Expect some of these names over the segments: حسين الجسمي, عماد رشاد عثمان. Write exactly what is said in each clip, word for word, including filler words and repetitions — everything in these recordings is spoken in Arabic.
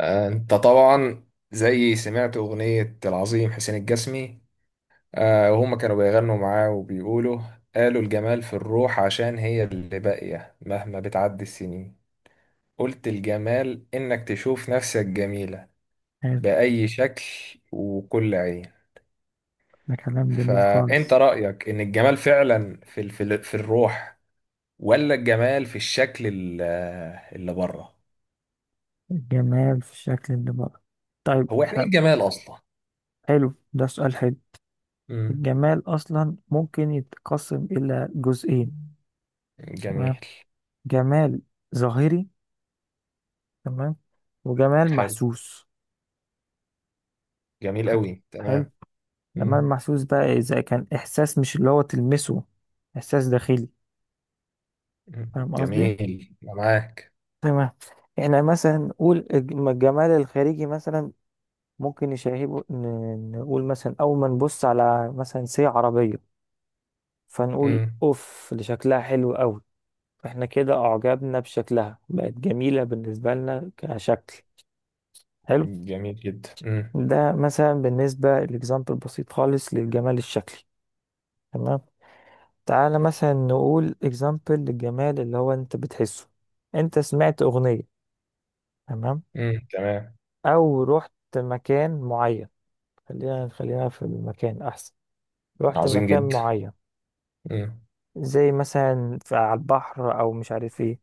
آه، انت طبعا زي سمعت اغنية العظيم حسين الجسمي. آه، وهما كانوا بيغنوا معاه وبيقولوا: قالوا الجمال في الروح، عشان هي اللي باقية مهما بتعدي السنين. قلت الجمال انك تشوف نفسك جميلة حلو. بأي شكل وكل عين. ده كلام جميل فانت خالص. رأيك ان الجمال فعلا في ال- في ال- في الروح، ولا الجمال في الشكل ال- اللي بره؟ الجمال في الشكل اللي بره. طيب هو يعني احنا ايه بقى. الجمال اصلا؟ حلو، ده سؤال حلو. مم. الجمال اصلا ممكن يتقسم الى جزئين. تمام. جميل، جمال ظاهري. تمام. وجمال حلو، محسوس. جميل ح- قوي، حلو. تمام. جمال مم. محسوس بقى اذا كان احساس مش اللي هو تلمسه. احساس داخلي. مم. فاهم قصدي؟ جميل، أنا معاك. تمام. احنا مثلا نقول الج- الجمال الخارجي مثلا، ممكن نشاهده. ن- نقول مثلا اول ما نبص على مثلا سي عربية، فنقول مم. اوف اللي شكلها حلو قوي. احنا كده اعجبنا بشكلها، بقت جميلة بالنسبة لنا كشكل. حلو. جميل جدا. مم. ده مثلا بالنسبة الاكزامبل بسيط خالص للجمال الشكلي. تمام. تعالى مثلا نقول اكزامبل للجمال اللي هو انت بتحسه. انت سمعت اغنية، تمام، مم. تمام. او رحت مكان معين. خلينا خلينا في المكان احسن. رحت عظيم مكان جدا. معين مم. زي مثلا في- على البحر او مش عارف ايه،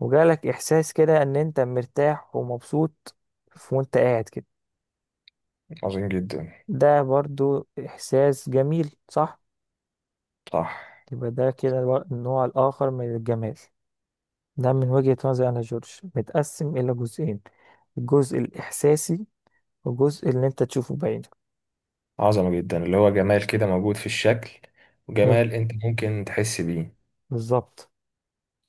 وجالك احساس كده ان انت مرتاح ومبسوط ف- وانت قاعد كده. عظيم جدا. ده برضو احساس جميل، صح؟ صح. يبقى ده كده بر- النوع الاخر من الجمال. ده من وجهة نظري انا جورج متقسم الى جزئين: الجزء الاحساسي والجزء اللي انت تشوفه بعينك. عظمة جدا، اللي هو جمال كده موجود في الشكل، حلو. وجمال انت ممكن تحس بيه. بالظبط.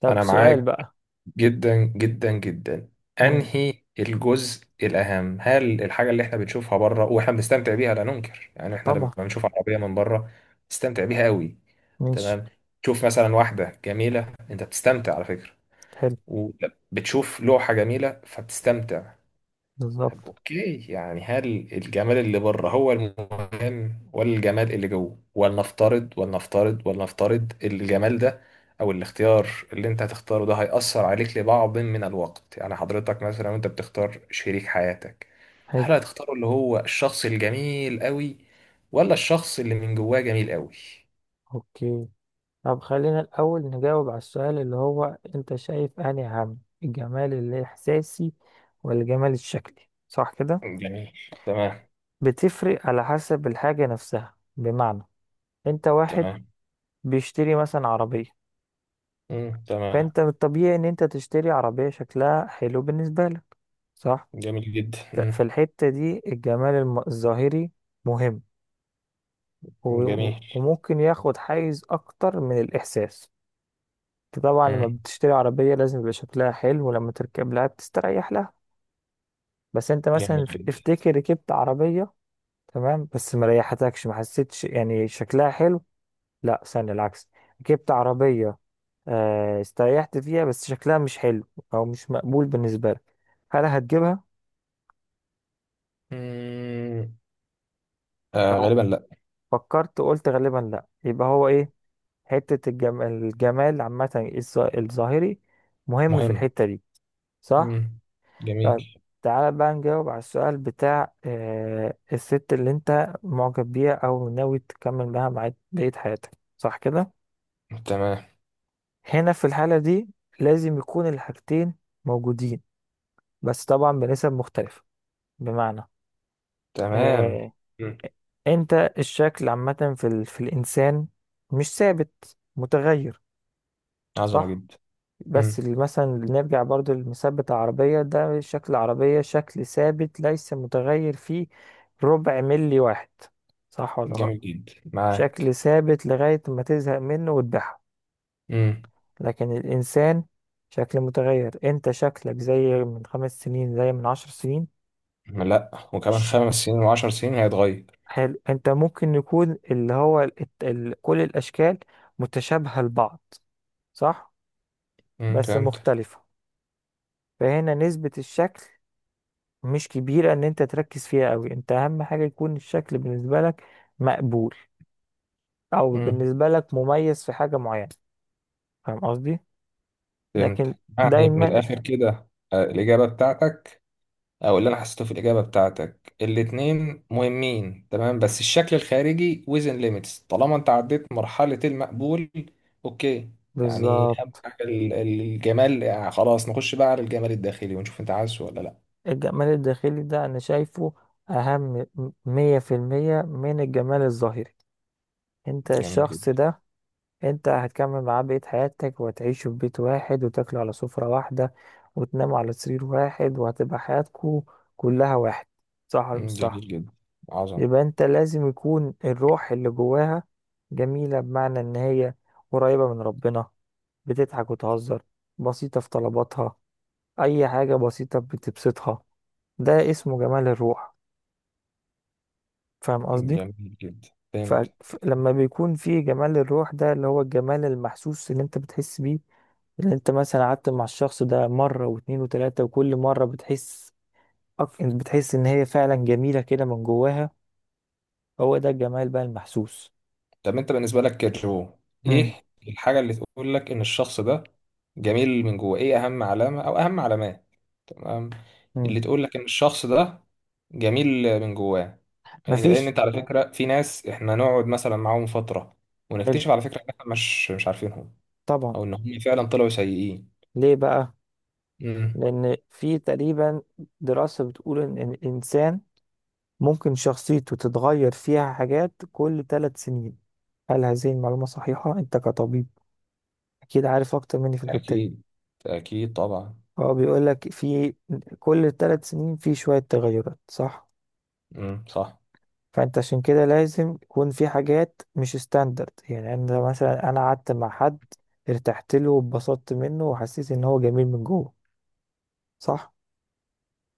طب انا سؤال معاك بقى. جدا جدا جدا. مم. انهي الجزء الاهم؟ هل الحاجة اللي احنا بنشوفها بره واحنا بنستمتع بيها، لا ننكر، يعني احنا طبعا. لما بنشوف عربية من بره نستمتع بيها قوي. ماشي. تمام. تشوف مثلا واحدة جميلة انت بتستمتع على فكرة، حلو. وبتشوف لوحة جميلة فبتستمتع. طب بالظبط. اوكي، يعني هل الجمال اللي بره هو المهم ولا الجمال اللي جوه؟ ولنفترض ولنفترض ولنفترض الجمال ده او الاختيار اللي انت هتختاره ده هيأثر عليك لبعض من الوقت. يعني حضرتك مثلا وانت بتختار شريك حياتك، هل حلو. هتختاره اللي هو الشخص الجميل قوي، ولا الشخص اللي من جواه جميل قوي؟ اوكي. طب خلينا الأول نجاوب على السؤال، اللي هو أنت شايف أنهي أهم؟ الجمال الإحساسي ولا الجمال الشكلي؟ صح كده؟ جميل. تمام. بتفرق على حسب الحاجة نفسها، بمعنى أنت واحد تمام. بيشتري مثلا عربية، مم. تمام. فأنت من الطبيعي إن أنت تشتري عربية شكلها حلو بالنسبة لك. صح؟ جميل جدا. ففي مم. الحتة دي الجمال الم- الظاهري مهم، و- جميل. وممكن ياخد حيز أكتر من الإحساس. أنت طبعا لما مم. بتشتري عربية لازم يبقى شكلها حلو ولما تركب لها بتستريح لها. بس انت مثلا جميل ف- جدا. افتكر ركبت عربية، تمام، بس ما ريحتكش ما حسيتش يعني شكلها حلو. لا، استنى العكس. ركبت عربية، آه، استريحت فيها بس شكلها مش حلو او مش مقبول بالنسبة لك. هل هتجيبها؟ مم. آه، أو غالبا لا. فكرت قلت غالبا لا؟ يبقى هو ايه؟ حتة الجم... الجمال عامة الظ- الظاهري مهم في مهم. الحتة دي. صح. مم. جميل. طيب. تعالى بقى نجاوب على السؤال بتاع آه الست اللي انت معجب بيها او ناوي تكمل معاها مع بقية حياتك. صح كده؟ تمام. هنا في الحالة دي لازم يكون الحاجتين موجودين، بس طبعا بنسب مختلفة. بمعنى، تمام. آه مم. انت الشكل عامة في, ال... في الانسان مش ثابت، متغير. عظمة صح. جدا. بس مم. ال- مثلا نرجع برضو لمثبت العربية، ده شكل العربية شكل ثابت، ليس متغير فيه ربع ملي واحد. صح ولا لا؟ جميل جدا، شكل معاك. ثابت لغاية ما تزهق منه وتبيعها. مم. لكن الإنسان شكل متغير. أنت شكلك زي من خمس سنين زي من عشر سنين. لا، وكمان ش... خمس سنين وعشر سنين هيتغير. حلو. أنت ممكن يكون اللي هو ال... ال... كل الأشكال متشابهة لبعض. صح. مم. بس فهمتك. مختلفة. فهنا نسبة الشكل مش كبيرة ان انت تركز فيها قوي. انت اهم حاجة يكون الشكل بالنسبة لك مقبول، او مم. بالنسبة لك مميز في حاجة معينة. فاهم قصدي؟ لكن فهمتك، يعني من دايما الآخر كده آه الإجابة بتاعتك، او اللي انا حسيته في الاجابه بتاعتك، الاتنين مهمين، تمام، بس الشكل الخارجي within limits طالما انت عديت مرحله المقبول. اوكي، يعني اهم بالظبط. حاجه ال- ال- الجمال يعني خلاص نخش بقى على الجمال الداخلي ونشوف انت عايزه ولا لا. الجمال الداخلي ده انا شايفه اهم مية في المية من الجمال الظاهري. انت جميل جدا. الشخص ده انت هتكمل معاه بقية حياتك، وهتعيشوا في بيت واحد وتاكلوا على سفرة واحدة وتناموا على سرير واحد، وهتبقى حياتكوا كلها واحد. صح ولا مش مم، صح؟ جميل جدا. عظمه. يبقى انت لازم يكون الروح اللي جواها جميلة، بمعنى ان هي قريبة من ربنا، بتضحك وتهزر، بسيطة في طلباتها، اي حاجة بسيطة بتبسطها. ده اسمه جمال الروح. فاهم قصدي؟ جميل جدا، فهمت. فلما بيكون في جمال الروح ده اللي هو الجمال المحسوس اللي انت بتحس بيه، اللي انت مثلا قعدت مع الشخص ده مرة واتنين وتلاتة، وكل مرة بتحس أك- بتحس ان هي فعلا جميلة كده من جواها. هو ده الجمال بقى المحسوس. طب انت بالنسبه لك كجو، مم. ايه الحاجه اللي تقول لك ان الشخص ده جميل من جوه؟ ايه اهم علامه او اهم علامات؟ تمام. مم. اللي تقول لك ان الشخص ده جميل من جواه. لان مفيش. انت على فكره، في ناس احنا نقعد مثلا معاهم فتره، ونكتشف على فكره ان احنا مش مش عارفينهم. طبعا. او ان هم فعلا طلعوا سيئين. ليه بقى؟ امم. لان في تقريبا دراسة بتقول ان إن الانسان ممكن شخصيته تتغير فيها حاجات كل ثلاث سنين. هل هذه المعلومة صحيحة؟ انت كطبيب اكيد عارف اكتر مني في الحتة دي. اكيد، اكيد طبعا. هو بيقول لك في كل ثلاث سنين في شوية تغيرات، صح؟ امم، صح. فانت عشان كده لازم يكون في حاجات مش ستاندرد. يعني انا مثلا انا قعدت مع حد، ارتحت له واتبسطت منه وحسيت ان هو جميل من جوه، صح؟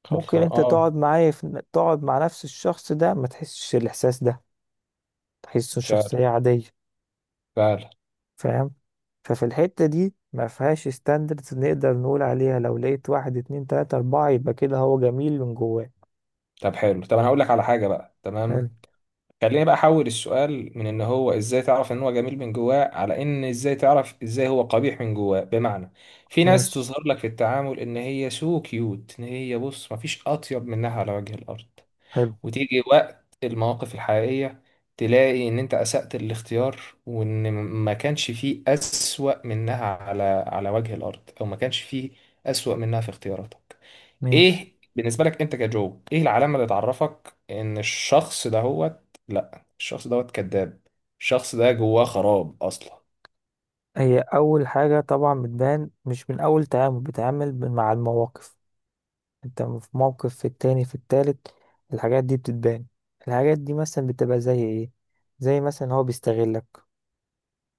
خلص، ممكن انت اه. تقعد معايا في... تقعد مع نفس الشخص ده ما تحسش الاحساس ده، تحسه فعلا، شخصية عادية. فعلا. فاهم؟ ففي الحتة دي ما فيهاش ستاندردز نقدر نقول عليها لو لقيت واحد، اتنين، تلاتة، اربعة يبقى كده هو جميل من جواه. طب حلو، طب انا هقول لك على حاجه بقى، حلو. تمام. خليني بقى احول السؤال من ان هو ازاي تعرف ان هو جميل من جواه، على ان ازاي تعرف ازاي هو قبيح من جواه، بمعنى: في ناس ماشي. تظهر لك في التعامل ان هي سو كيوت، ان هي بص مفيش اطيب منها على وجه الارض. حلو. وتيجي وقت المواقف الحقيقية، تلاقي ان انت اسأت الاختيار، وان ما كانش فيه اسوأ منها على على وجه الارض، او ما كانش فيه اسوأ منها في اختياراتك. ماشي. ايه بالنسبه لك انت كجو، ايه العلامه اللي تعرفك ان الشخص دهوت، لا الشخص دهوت كذاب، الشخص ده جواه خراب اصلا؟ هي اول حاجة طبعا بتبان مش من اول تعامل، بتعامل ب- مع المواقف، انت في موقف، في التاني، في التالت، الحاجات دي بتتبان. الحاجات دي مثلا بتبقى زي ايه؟ زي مثلا هو بيستغلك،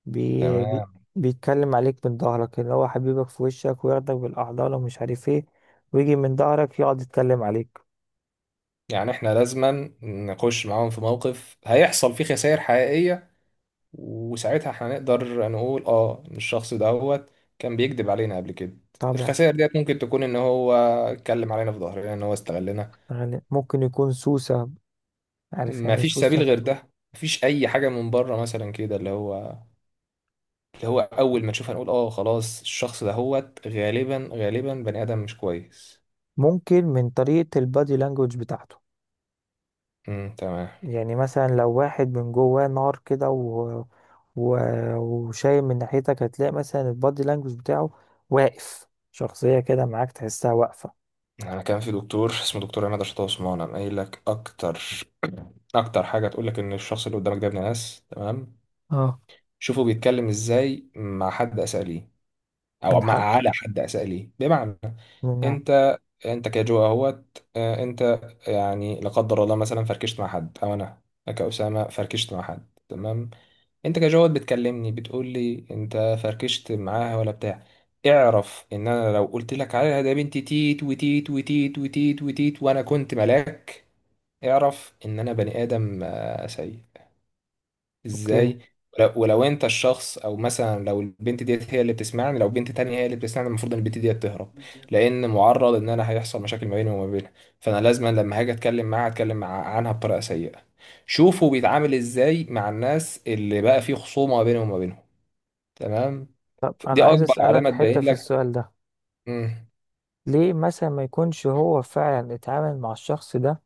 بي بي تمام. بيتكلم عليك من ظهرك، اللي هو حبيبك في وشك وياخدك بالأحضان ومش عارف ايه، ويجي من ظهرك يقعد يتكلم عليك. يعني احنا لازما نخش معاهم في موقف هيحصل فيه خسائر حقيقيه، وساعتها هنقدر نقول اه ان الشخص دهوت كان بيكذب علينا قبل كده. طبعا. الخسائر ديت ممكن تكون ان هو اتكلم علينا في ظهرنا، ان هو استغلنا. غالب. ممكن يكون سوسة. عارف يعني ايه مفيش سبيل سوسة؟ غير ده؟ مفيش اي حاجه من بره مثلا كده اللي هو اللي هو اول ما تشوفها نقول اه خلاص الشخص ده هوت غالبا غالبا بني ادم مش كويس؟ ممكن من طريقة البادي لانجوج بتاعته. امم، تمام. يعني مثلا لو واحد من جواه نار كده و... و... وشايم من ناحيتك، هتلاقي مثلا البادي لانجوج بتاعه واقف، شخصية كده معاك تحسها واقفة. انا كان في دكتور اسمه دكتور عماد رشاد عثمان، قام قايل لك اكتر اكتر حاجه تقول لك ان الشخص اللي قدامك ده ابن ناس، تمام. اه. شوفه بيتكلم ازاي مع حد اساء ليه، او من مع حد؟ على حد اساء ليه، بمعنى: من؟ انت انت كجو اهوت، آه، انت يعني لا قدر الله مثلا فركشت مع حد، او انا كاسامه فركشت مع حد، تمام. انت كجواد بتكلمني بتقول لي انت فركشت معاها ولا بتاع، اعرف ان انا لو قلت لك عليها ده بنت تيت وتيت وتيت وتيت وتيت وانا كنت ملاك، اعرف ان انا بني ادم آه، سيء، اوكي. ازاي؟ ولو ولو انت الشخص، او مثلا لو البنت ديت هي اللي بتسمعني، لو بنت تانية هي اللي بتسمعني المفروض ان البنت ديت تهرب. لان معرض ان انا هيحصل مشاكل ما بيني وما بينها. فانا لازما لما هاجي اتكلم معاها اتكلم مع- عنها بطريقة سيئة. شوفوا بيتعامل ازاي مع الناس اللي بقى فيه خصومة ما بينهم وما بينهم. تمام، طب دي انا عايز اكبر اسألك علامه حتة تبين في لك. السؤال ده. مم. ليه مثلا ما يكونش هو فعلا اتعامل مع الشخص ده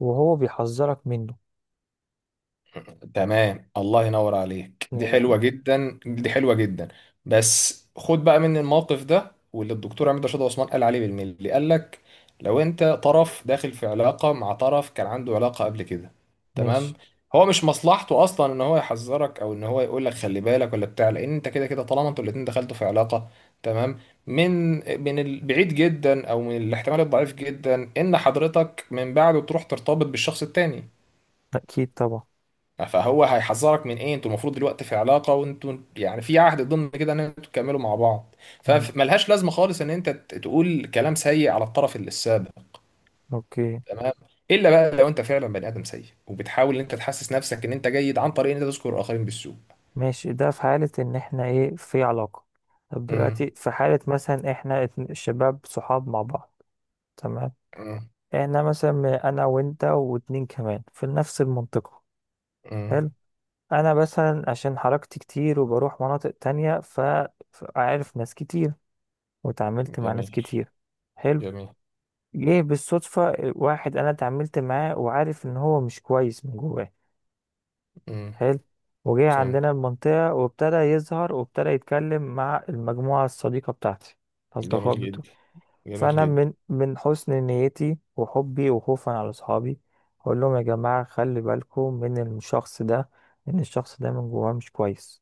وهو بيحذرك منه؟ تمام، الله ينور عليك، دي يعني إحنا- حلوة جدا، دي حلوة جدا. بس خد بقى مني الموقف ده واللي الدكتور عماد رشاد عثمان قال عليه بالملي، قال لك: لو انت طرف داخل في علاقة مع طرف كان عنده علاقة قبل كده، تمام، ماشي. هو مش مصلحته اصلا ان هو يحذرك او ان هو يقول لك خلي بالك ولا بتاع، لان انت كده كده طالما انتوا الاتنين دخلتوا في علاقة، تمام، من من البعيد جدا، او من الاحتمال الضعيف جدا ان حضرتك من بعده تروح ترتبط بالشخص التاني. اكيد طبعا. فهو هيحذرك من ايه؟ انتوا المفروض دلوقتي في علاقه، وانتوا يعني في عهد ضمن كده ان انتوا تكملوا مع بعض. مم. فملهاش لازمه خالص ان انت ت- تقول كلام سيء على الطرف اللي السابق، اوكي. تمام. الا بقى لو انت فعلا بني ادم سيء وبتحاول ان انت تحسس نفسك ان انت جيد عن طريق ان انت تذكر الاخرين بالسوء. ماشي، ده في حالة ان احنا ايه، في علاقة. طب دلوقتي امم. في حالة مثلا احنا اتن- شباب صحاب مع بعض. تمام. امم. احنا مثلا انا وانت واتنين كمان في نفس المنطقة. امم. حلو. انا مثلا عشان حركتي كتير وبروح مناطق تانية، فعارف ناس كتير وتعاملت مع ناس جميل، كتير. حلو. جميل. جه بالصدفة واحد أنا اتعاملت معاه وعارف إن هو مش كويس من جواه. امم. حلو. وجه فهمت. عندنا المنطقة وابتدى يظهر وابتدى يتكلم مع المجموعة الصديقة بتاعتي، جميل الأصدقاء جدا، بتوعي. جميل فأنا جدا. من من حسن نيتي وحبي وخوفا على أصحابي أقول لهم يا جماعة خلي بالكم من الشخص ده، إن الشخص ده من جواه مش كويس.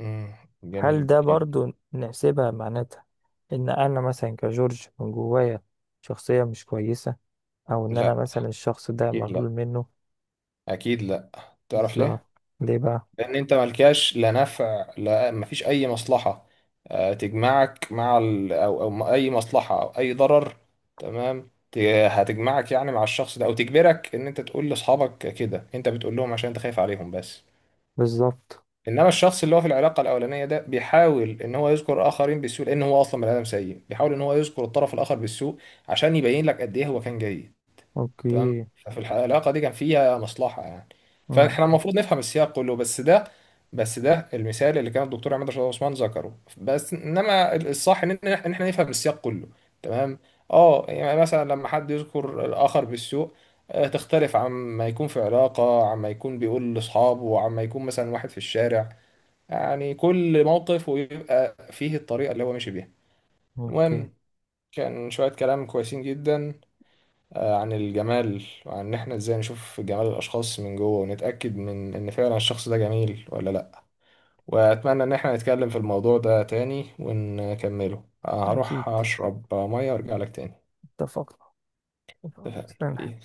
امم، هل جميل ده جدا. برضو نحسبها معناتها إن أنا مثلا كجورج من جوايا شخصية مش كويسة، او ان انا لا، مثلا الشخص ده اكيد لا، مغلول منه اكيد لا. تعرف الظهر؟ ليه؟ ليه بقى؟ لان انت ملكاش لا نفع لا، مفيش اي مصلحه آه، تجمعك مع ال... او او م- اي مصلحه او اي ضرر، تمام. ت- هتجمعك يعني مع الشخص ده، او تجبرك ان انت تقول لاصحابك كده، انت بتقول لهم عشان انت خايف عليهم بس. بالظبط. انما الشخص اللي هو في العلاقه الاولانيه ده بيحاول ان هو يذكر اخرين بالسوء، لان هو اصلا بني ادم سيء بيحاول ان هو يذكر الطرف الاخر بالسوء عشان يبين لك قد ايه هو كان جيد، تمام. اوكي. ففي الح- العلاقه دي كان فيها مصلحه يعني. فاحنا مم. المفروض نفهم السياق كله، بس ده، بس ده المثال اللي كان الدكتور عماد رشاد عثمان ذكره بس. انما الصح ان إن إحنا- إن احنا نفهم السياق كله، تمام. اه يعني مثلا لما حد يذكر الاخر بالسوء، آه، تختلف عما يكون في علاقه، عما يكون بيقول لاصحابه، عما يكون مثلا واحد في الشارع. يعني كل موقف ويبقى فيه الطريقه اللي هو ماشي بيها. اوكي. المهم، كان شويه كلام كويسين جدا آه، عن الجمال، وعن ان احنا ازاي نشوف جمال الاشخاص من جوه ونتاكد من ان فعلا الشخص ده جميل ولا لا. واتمنى ان احنا نتكلم في الموضوع ده تاني ونكمله. آه، اكيد. هروح اشرب ميه وارجع لك تاني. اتفقنا. استنى. اتفقنا.